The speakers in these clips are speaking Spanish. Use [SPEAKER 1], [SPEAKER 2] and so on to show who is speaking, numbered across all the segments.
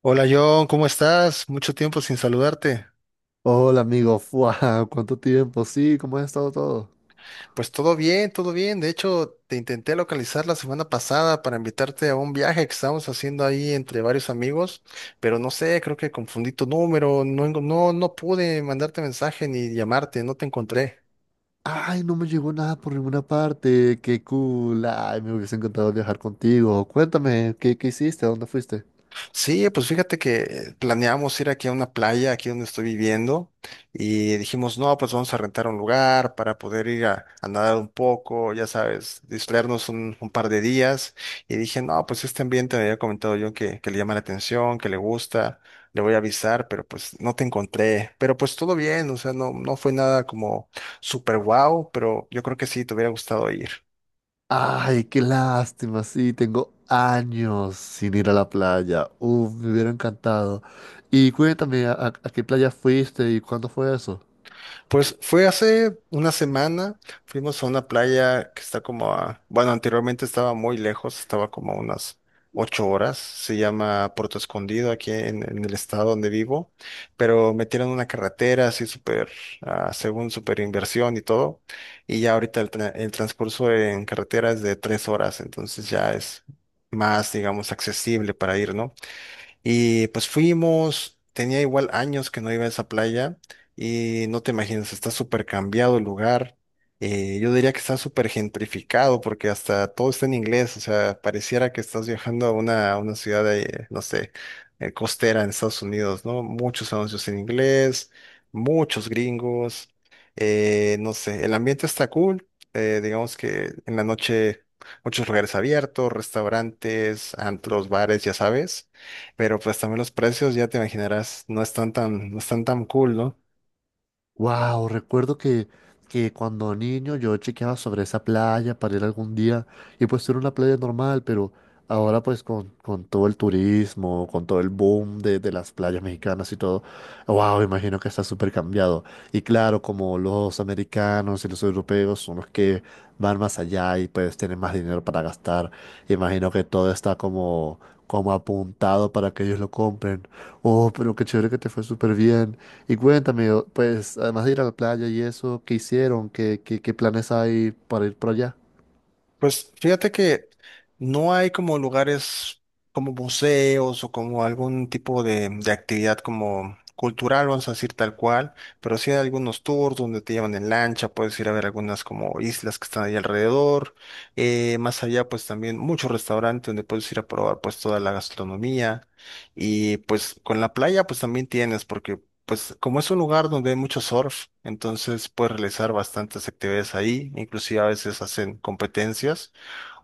[SPEAKER 1] Hola John, ¿cómo estás? Mucho tiempo sin saludarte.
[SPEAKER 2] Hola amigo, ¡fua! ¿Cuánto tiempo? Sí, ¿cómo ha estado todo?
[SPEAKER 1] Pues todo bien, todo bien. De hecho, te intenté localizar la semana pasada para invitarte a un viaje que estábamos haciendo ahí entre varios amigos, pero no sé, creo que confundí tu número, no, no pude mandarte mensaje ni llamarte, no te encontré.
[SPEAKER 2] Ay, no me llegó nada por ninguna parte, qué cool. Ay, me hubiese encantado viajar contigo. Cuéntame, ¿qué hiciste? ¿A dónde fuiste?
[SPEAKER 1] Sí, pues fíjate que planeamos ir aquí a una playa, aquí donde estoy viviendo, y dijimos, no, pues vamos a rentar un lugar para poder ir a nadar un poco, ya sabes, distraernos un par de días. Y dije, no, pues este ambiente me había comentado yo que le llama la atención, que le gusta, le voy a avisar, pero pues no te encontré. Pero pues todo bien, o sea, no fue nada como super wow, pero yo creo que sí, te hubiera gustado ir.
[SPEAKER 2] Ay, qué lástima, sí, tengo años sin ir a la playa. Uf, me hubiera encantado. Y cuéntame, ¿a qué playa fuiste y cuándo fue eso?
[SPEAKER 1] Pues fue hace una semana, fuimos a una playa que está como a, bueno, anteriormente estaba muy lejos, estaba como a unas 8 horas, se llama Puerto Escondido aquí en el estado donde vivo, pero metieron una carretera así súper, según súper inversión y todo, y ya ahorita el, el transcurso en carretera es de 3 horas, entonces ya es más, digamos, accesible para ir, ¿no? Y pues fuimos, tenía igual años que no iba a esa playa y no te imaginas, está súper cambiado el lugar. Yo diría que está súper gentrificado porque hasta todo está en inglés, o sea, pareciera que estás viajando a una ciudad de, no sé, costera en Estados Unidos, ¿no? Muchos anuncios en inglés, muchos gringos, no sé, el ambiente está cool, digamos que en la noche muchos lugares abiertos, restaurantes, antros, bares, ya sabes. Pero pues también los precios, ya te imaginarás, no están tan, no están tan cool, ¿no?
[SPEAKER 2] Wow, recuerdo que cuando niño yo chequeaba sobre esa playa para ir algún día y pues era una playa normal, pero ahora pues con todo el turismo, con todo el boom de las playas mexicanas y todo, wow, imagino que está súper cambiado. Y claro, como los americanos y los europeos son los que van más allá y pues tienen más dinero para gastar, imagino que todo está como apuntado para que ellos lo compren. Oh, pero qué chévere que te fue súper bien. Y cuéntame, pues además de ir a la playa y eso, ¿qué hicieron? ¿Qué planes hay para ir para allá?
[SPEAKER 1] Pues fíjate que no hay como lugares como museos o como algún tipo de actividad como cultural, vamos a decir tal cual, pero sí hay algunos tours donde te llevan en lancha, puedes ir a ver algunas como islas que están ahí alrededor. Más allá, pues también muchos restaurantes donde puedes ir a probar pues toda la gastronomía. Y pues con la playa, pues también tienes, porque pues como es un lugar donde hay mucho surf, entonces puedes realizar bastantes actividades ahí, inclusive a veces hacen competencias.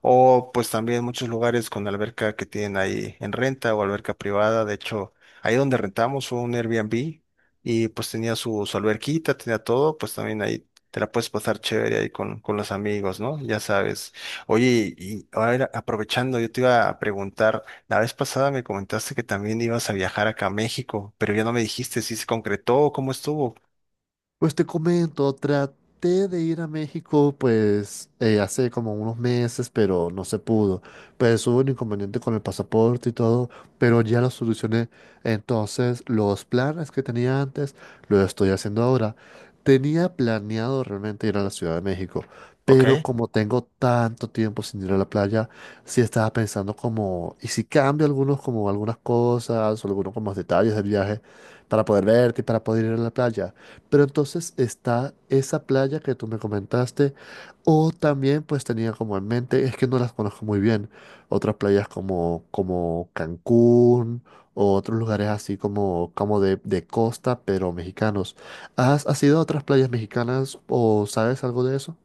[SPEAKER 1] O pues también muchos lugares con alberca que tienen ahí en renta o alberca privada. De hecho, ahí donde rentamos fue un Airbnb y pues tenía su, su alberquita, tenía todo, pues también ahí te la puedes pasar chévere ahí con los amigos, ¿no? Ya sabes. Oye, y ahora aprovechando, yo te iba a preguntar, la vez pasada me comentaste que también ibas a viajar acá a México, pero ya no me dijiste si se concretó o cómo estuvo.
[SPEAKER 2] Pues te comento, traté de ir a México pues hace como unos meses, pero no se pudo. Pues hubo un inconveniente con el pasaporte y todo, pero ya lo solucioné. Entonces, los planes que tenía antes, lo estoy haciendo ahora. Tenía planeado realmente ir a la Ciudad de México,
[SPEAKER 1] Ok.
[SPEAKER 2] pero como tengo tanto tiempo sin ir a la playa, sí estaba pensando como, ¿y si cambio algunos como algunas cosas o algunos como detalles del viaje para poder verte y para poder ir a la playa? Pero entonces está esa playa que tú me comentaste, o también pues tenía como en mente, es que no las conozco muy bien, otras playas como Cancún o otros lugares así como, como de costa, pero mexicanos. ¿Has ido a otras playas mexicanas o sabes algo de eso?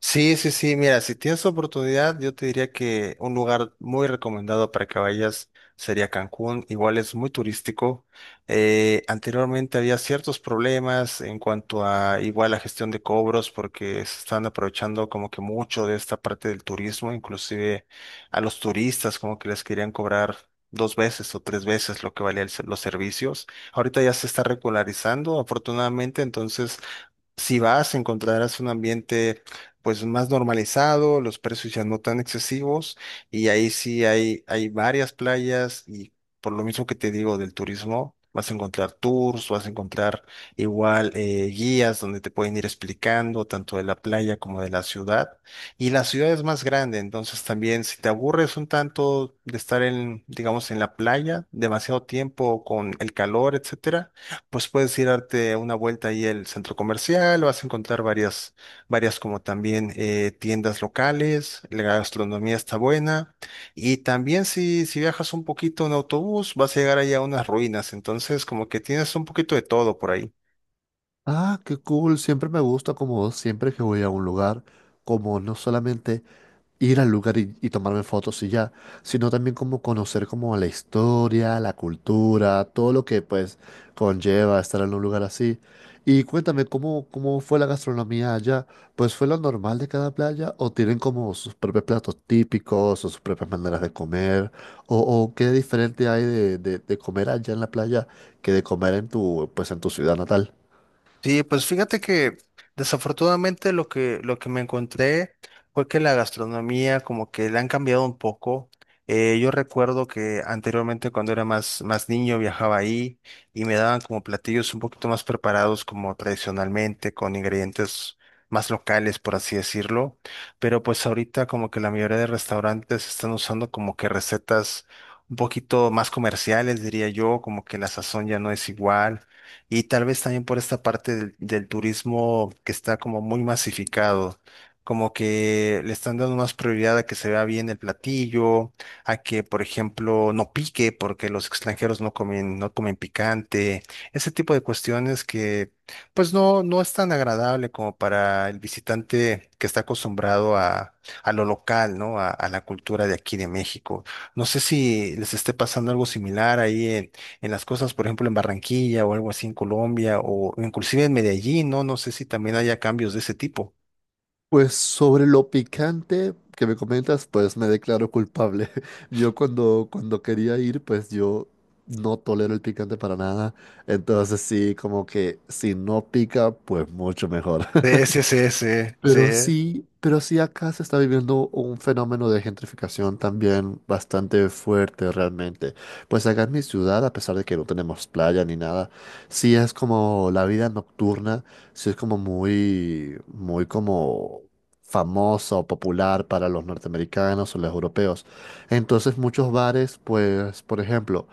[SPEAKER 1] Sí, sí, sí, mira, si tienes oportunidad, yo te diría que un lugar muy recomendado para que vayas sería Cancún, igual es muy turístico. Anteriormente había ciertos problemas en cuanto a igual la gestión de cobros porque se están aprovechando como que mucho de esta parte del turismo, inclusive a los turistas como que les querían cobrar 2 veces o 3 veces lo que valían los servicios. Ahorita ya se está regularizando, afortunadamente, entonces si vas, encontrarás un ambiente pues más normalizado, los precios ya no tan excesivos y ahí sí hay varias playas y por lo mismo que te digo del turismo, vas a encontrar tours, vas a encontrar igual guías donde te pueden ir explicando tanto de la playa como de la ciudad. Y la ciudad es más grande, entonces también si te aburres un tanto de estar en, digamos, en la playa demasiado tiempo con el calor, etcétera, pues puedes ir a darte una vuelta ahí al centro comercial, vas a encontrar varias, varias como también tiendas locales, la gastronomía está buena y también si, si viajas un poquito en autobús vas a llegar ahí a unas ruinas, entonces como que tienes un poquito de todo por ahí.
[SPEAKER 2] Ah, qué cool, siempre me gusta como siempre que voy a un lugar, como no solamente ir al lugar y tomarme fotos y ya, sino también como conocer como la historia, la cultura, todo lo que pues conlleva estar en un lugar así. Y cuéntame, ¿cómo fue la gastronomía allá? ¿Pues fue lo normal de cada playa o tienen como sus propios platos típicos o sus propias maneras de comer? ¿O qué diferente hay de, de comer allá en la playa que de comer en tu, pues en tu ciudad natal?
[SPEAKER 1] Sí, pues fíjate que desafortunadamente lo que me encontré fue que la gastronomía como que le han cambiado un poco. Yo recuerdo que anteriormente cuando era más, más niño viajaba ahí y me daban como platillos un poquito más preparados como tradicionalmente, con ingredientes más locales, por así decirlo. Pero pues ahorita como que la mayoría de restaurantes están usando como que recetas un poquito más comerciales, diría yo, como que la sazón ya no es igual y tal vez también por esta parte del turismo que está como muy masificado, como que le están dando más prioridad a que se vea bien el platillo, a que, por ejemplo, no pique porque los extranjeros no comen, no comen picante, ese tipo de cuestiones que pues no, no es tan agradable como para el visitante que está acostumbrado a lo local, ¿no? A la cultura de aquí de México. No sé si les esté pasando algo similar ahí en las cosas, por ejemplo, en Barranquilla o algo así en Colombia o inclusive en Medellín, ¿no? No sé si también haya cambios de ese tipo.
[SPEAKER 2] Pues sobre lo picante que me comentas, pues me declaro culpable. Yo cuando quería ir, pues yo no tolero el picante para nada. Entonces sí, como que si no pica, pues mucho mejor.
[SPEAKER 1] Sí, sí, sí, sí, sí.
[SPEAKER 2] Pero sí acá se está viviendo un fenómeno de gentrificación también bastante fuerte realmente. Pues acá en mi ciudad, a pesar de que no tenemos playa ni nada, sí es como la vida nocturna, sí es como muy como famosa o popular para los norteamericanos o los europeos. Entonces muchos bares, pues, por ejemplo,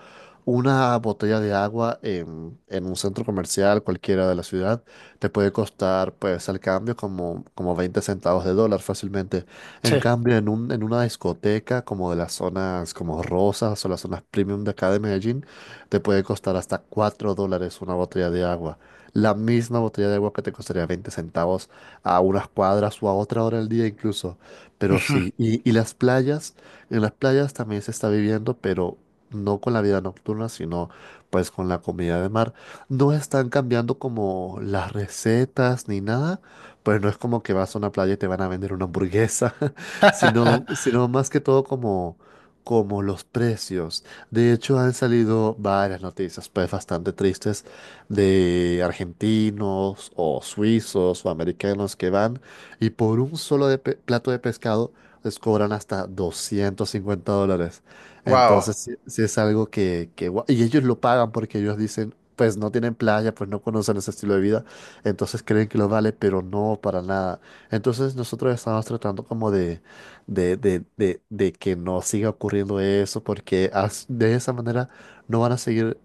[SPEAKER 2] una botella de agua en un centro comercial cualquiera de la ciudad te puede costar pues al cambio como 20 centavos de dólar fácilmente.
[SPEAKER 1] Sí.
[SPEAKER 2] En cambio, en una discoteca como de las zonas como Rosas o las zonas premium de acá de Medellín, te puede costar hasta 4 dólares una botella de agua. La misma botella de agua que te costaría 20 centavos a unas cuadras o a otra hora del día incluso. Pero sí, y las playas, en las playas también se está viviendo, pero no con la vida nocturna, sino pues con la comida de mar. No están cambiando como las recetas ni nada, pues no es como que vas a una playa y te van a vender una hamburguesa, sino más que todo como los precios. De hecho, han salido varias noticias, pues bastante tristes, de argentinos o suizos o americanos que van y por un solo plato de pescado les cobran hasta 250 dólares.
[SPEAKER 1] Wow.
[SPEAKER 2] Entonces, si es algo y ellos lo pagan porque ellos dicen pues no tienen playa, pues no conocen ese estilo de vida, entonces creen que lo vale, pero no para nada. Entonces nosotros estamos tratando como de que no siga ocurriendo eso, porque de esa manera no van a seguir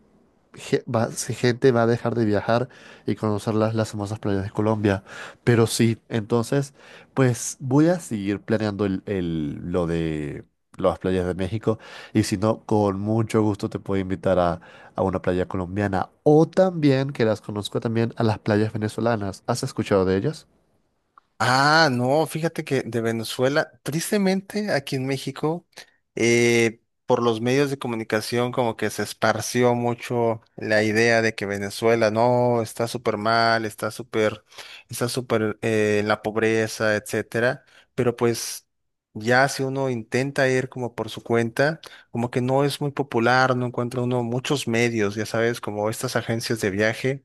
[SPEAKER 2] si gente va a dejar de viajar y conocer las hermosas playas de Colombia. Pero sí, entonces, pues voy a seguir planeando lo de las playas de México y si no, con mucho gusto te puedo invitar a una playa colombiana o también, que las conozco también, a las playas venezolanas. ¿Has escuchado de ellas?
[SPEAKER 1] Ah, no, fíjate que de Venezuela, tristemente aquí en México, por los medios de comunicación como que se esparció mucho la idea de que Venezuela no está súper mal, está súper en la pobreza, etcétera. Pero pues ya si uno intenta ir como por su cuenta, como que no es muy popular, no encuentra uno muchos medios, ya sabes, como estas agencias de viaje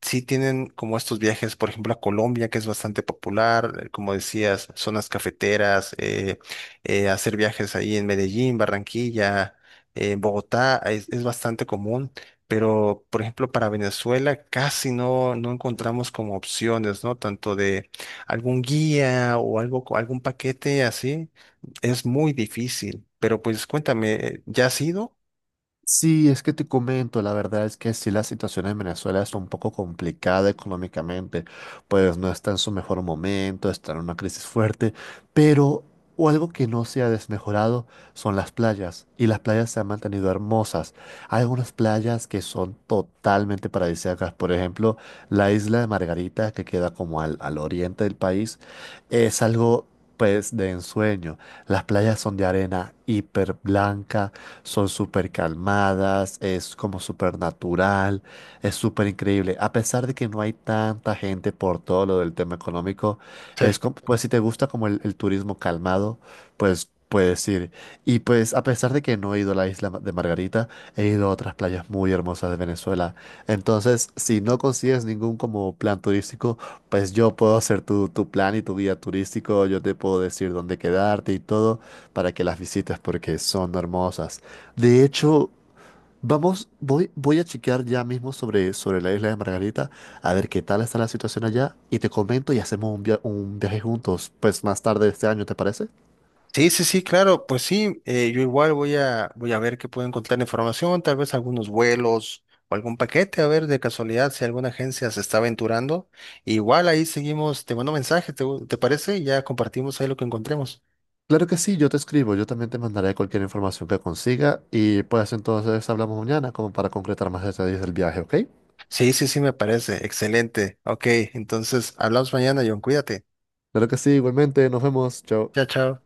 [SPEAKER 1] sí tienen como estos viajes, por ejemplo, a Colombia, que es bastante popular, como decías, zonas cafeteras, hacer viajes ahí en Medellín, Barranquilla, en Bogotá, es bastante común, pero, por ejemplo, para Venezuela casi no, no encontramos como opciones, ¿no? Tanto de algún guía o algo, algún paquete así, es muy difícil, pero pues cuéntame, ¿ya has ido?
[SPEAKER 2] Sí, es que te comento, la verdad es que sí la situación en Venezuela es un poco complicada económicamente, pues no está en su mejor momento, está en una crisis fuerte, pero o algo que no se ha desmejorado son las playas, y las playas se han mantenido hermosas. Hay algunas playas que son totalmente paradisíacas, por ejemplo, la isla de Margarita, que queda como al oriente del país, es algo... pues de ensueño. Las playas son de arena hiper blanca, son súper calmadas, es como súper natural, es súper increíble. A pesar de que no hay tanta gente por todo lo del tema económico, es como, pues si te gusta como el turismo calmado, pues puedes ir. Y pues a pesar de que no he ido a la isla de Margarita, he ido a otras playas muy hermosas de Venezuela. Entonces, si no consigues ningún como plan turístico, pues yo puedo hacer tu plan y tu guía turístico, yo te puedo decir dónde quedarte y todo para que las visites porque son hermosas. De hecho, vamos, voy a chequear ya mismo sobre la isla de Margarita, a ver qué tal está la situación allá, y te comento y hacemos un, un viaje juntos, pues más tarde este año, ¿te parece?
[SPEAKER 1] Sí, sí, sí, claro, pues sí, yo igual voy a, voy a ver qué puedo encontrar información, tal vez algunos vuelos o algún paquete, a ver de casualidad si alguna agencia se está aventurando. Igual ahí seguimos, te mando mensaje, ¿te, te parece? Y ya compartimos ahí lo que encontremos.
[SPEAKER 2] Claro que sí, yo te escribo, yo también te mandaré cualquier información que consiga, y pues entonces hablamos mañana como para concretar más detalles del viaje, ¿ok?
[SPEAKER 1] Sí, sí, sí, me parece, excelente. Ok, entonces hablamos mañana, John, cuídate.
[SPEAKER 2] Claro que sí, igualmente, nos vemos, chao.
[SPEAKER 1] Chao, chao.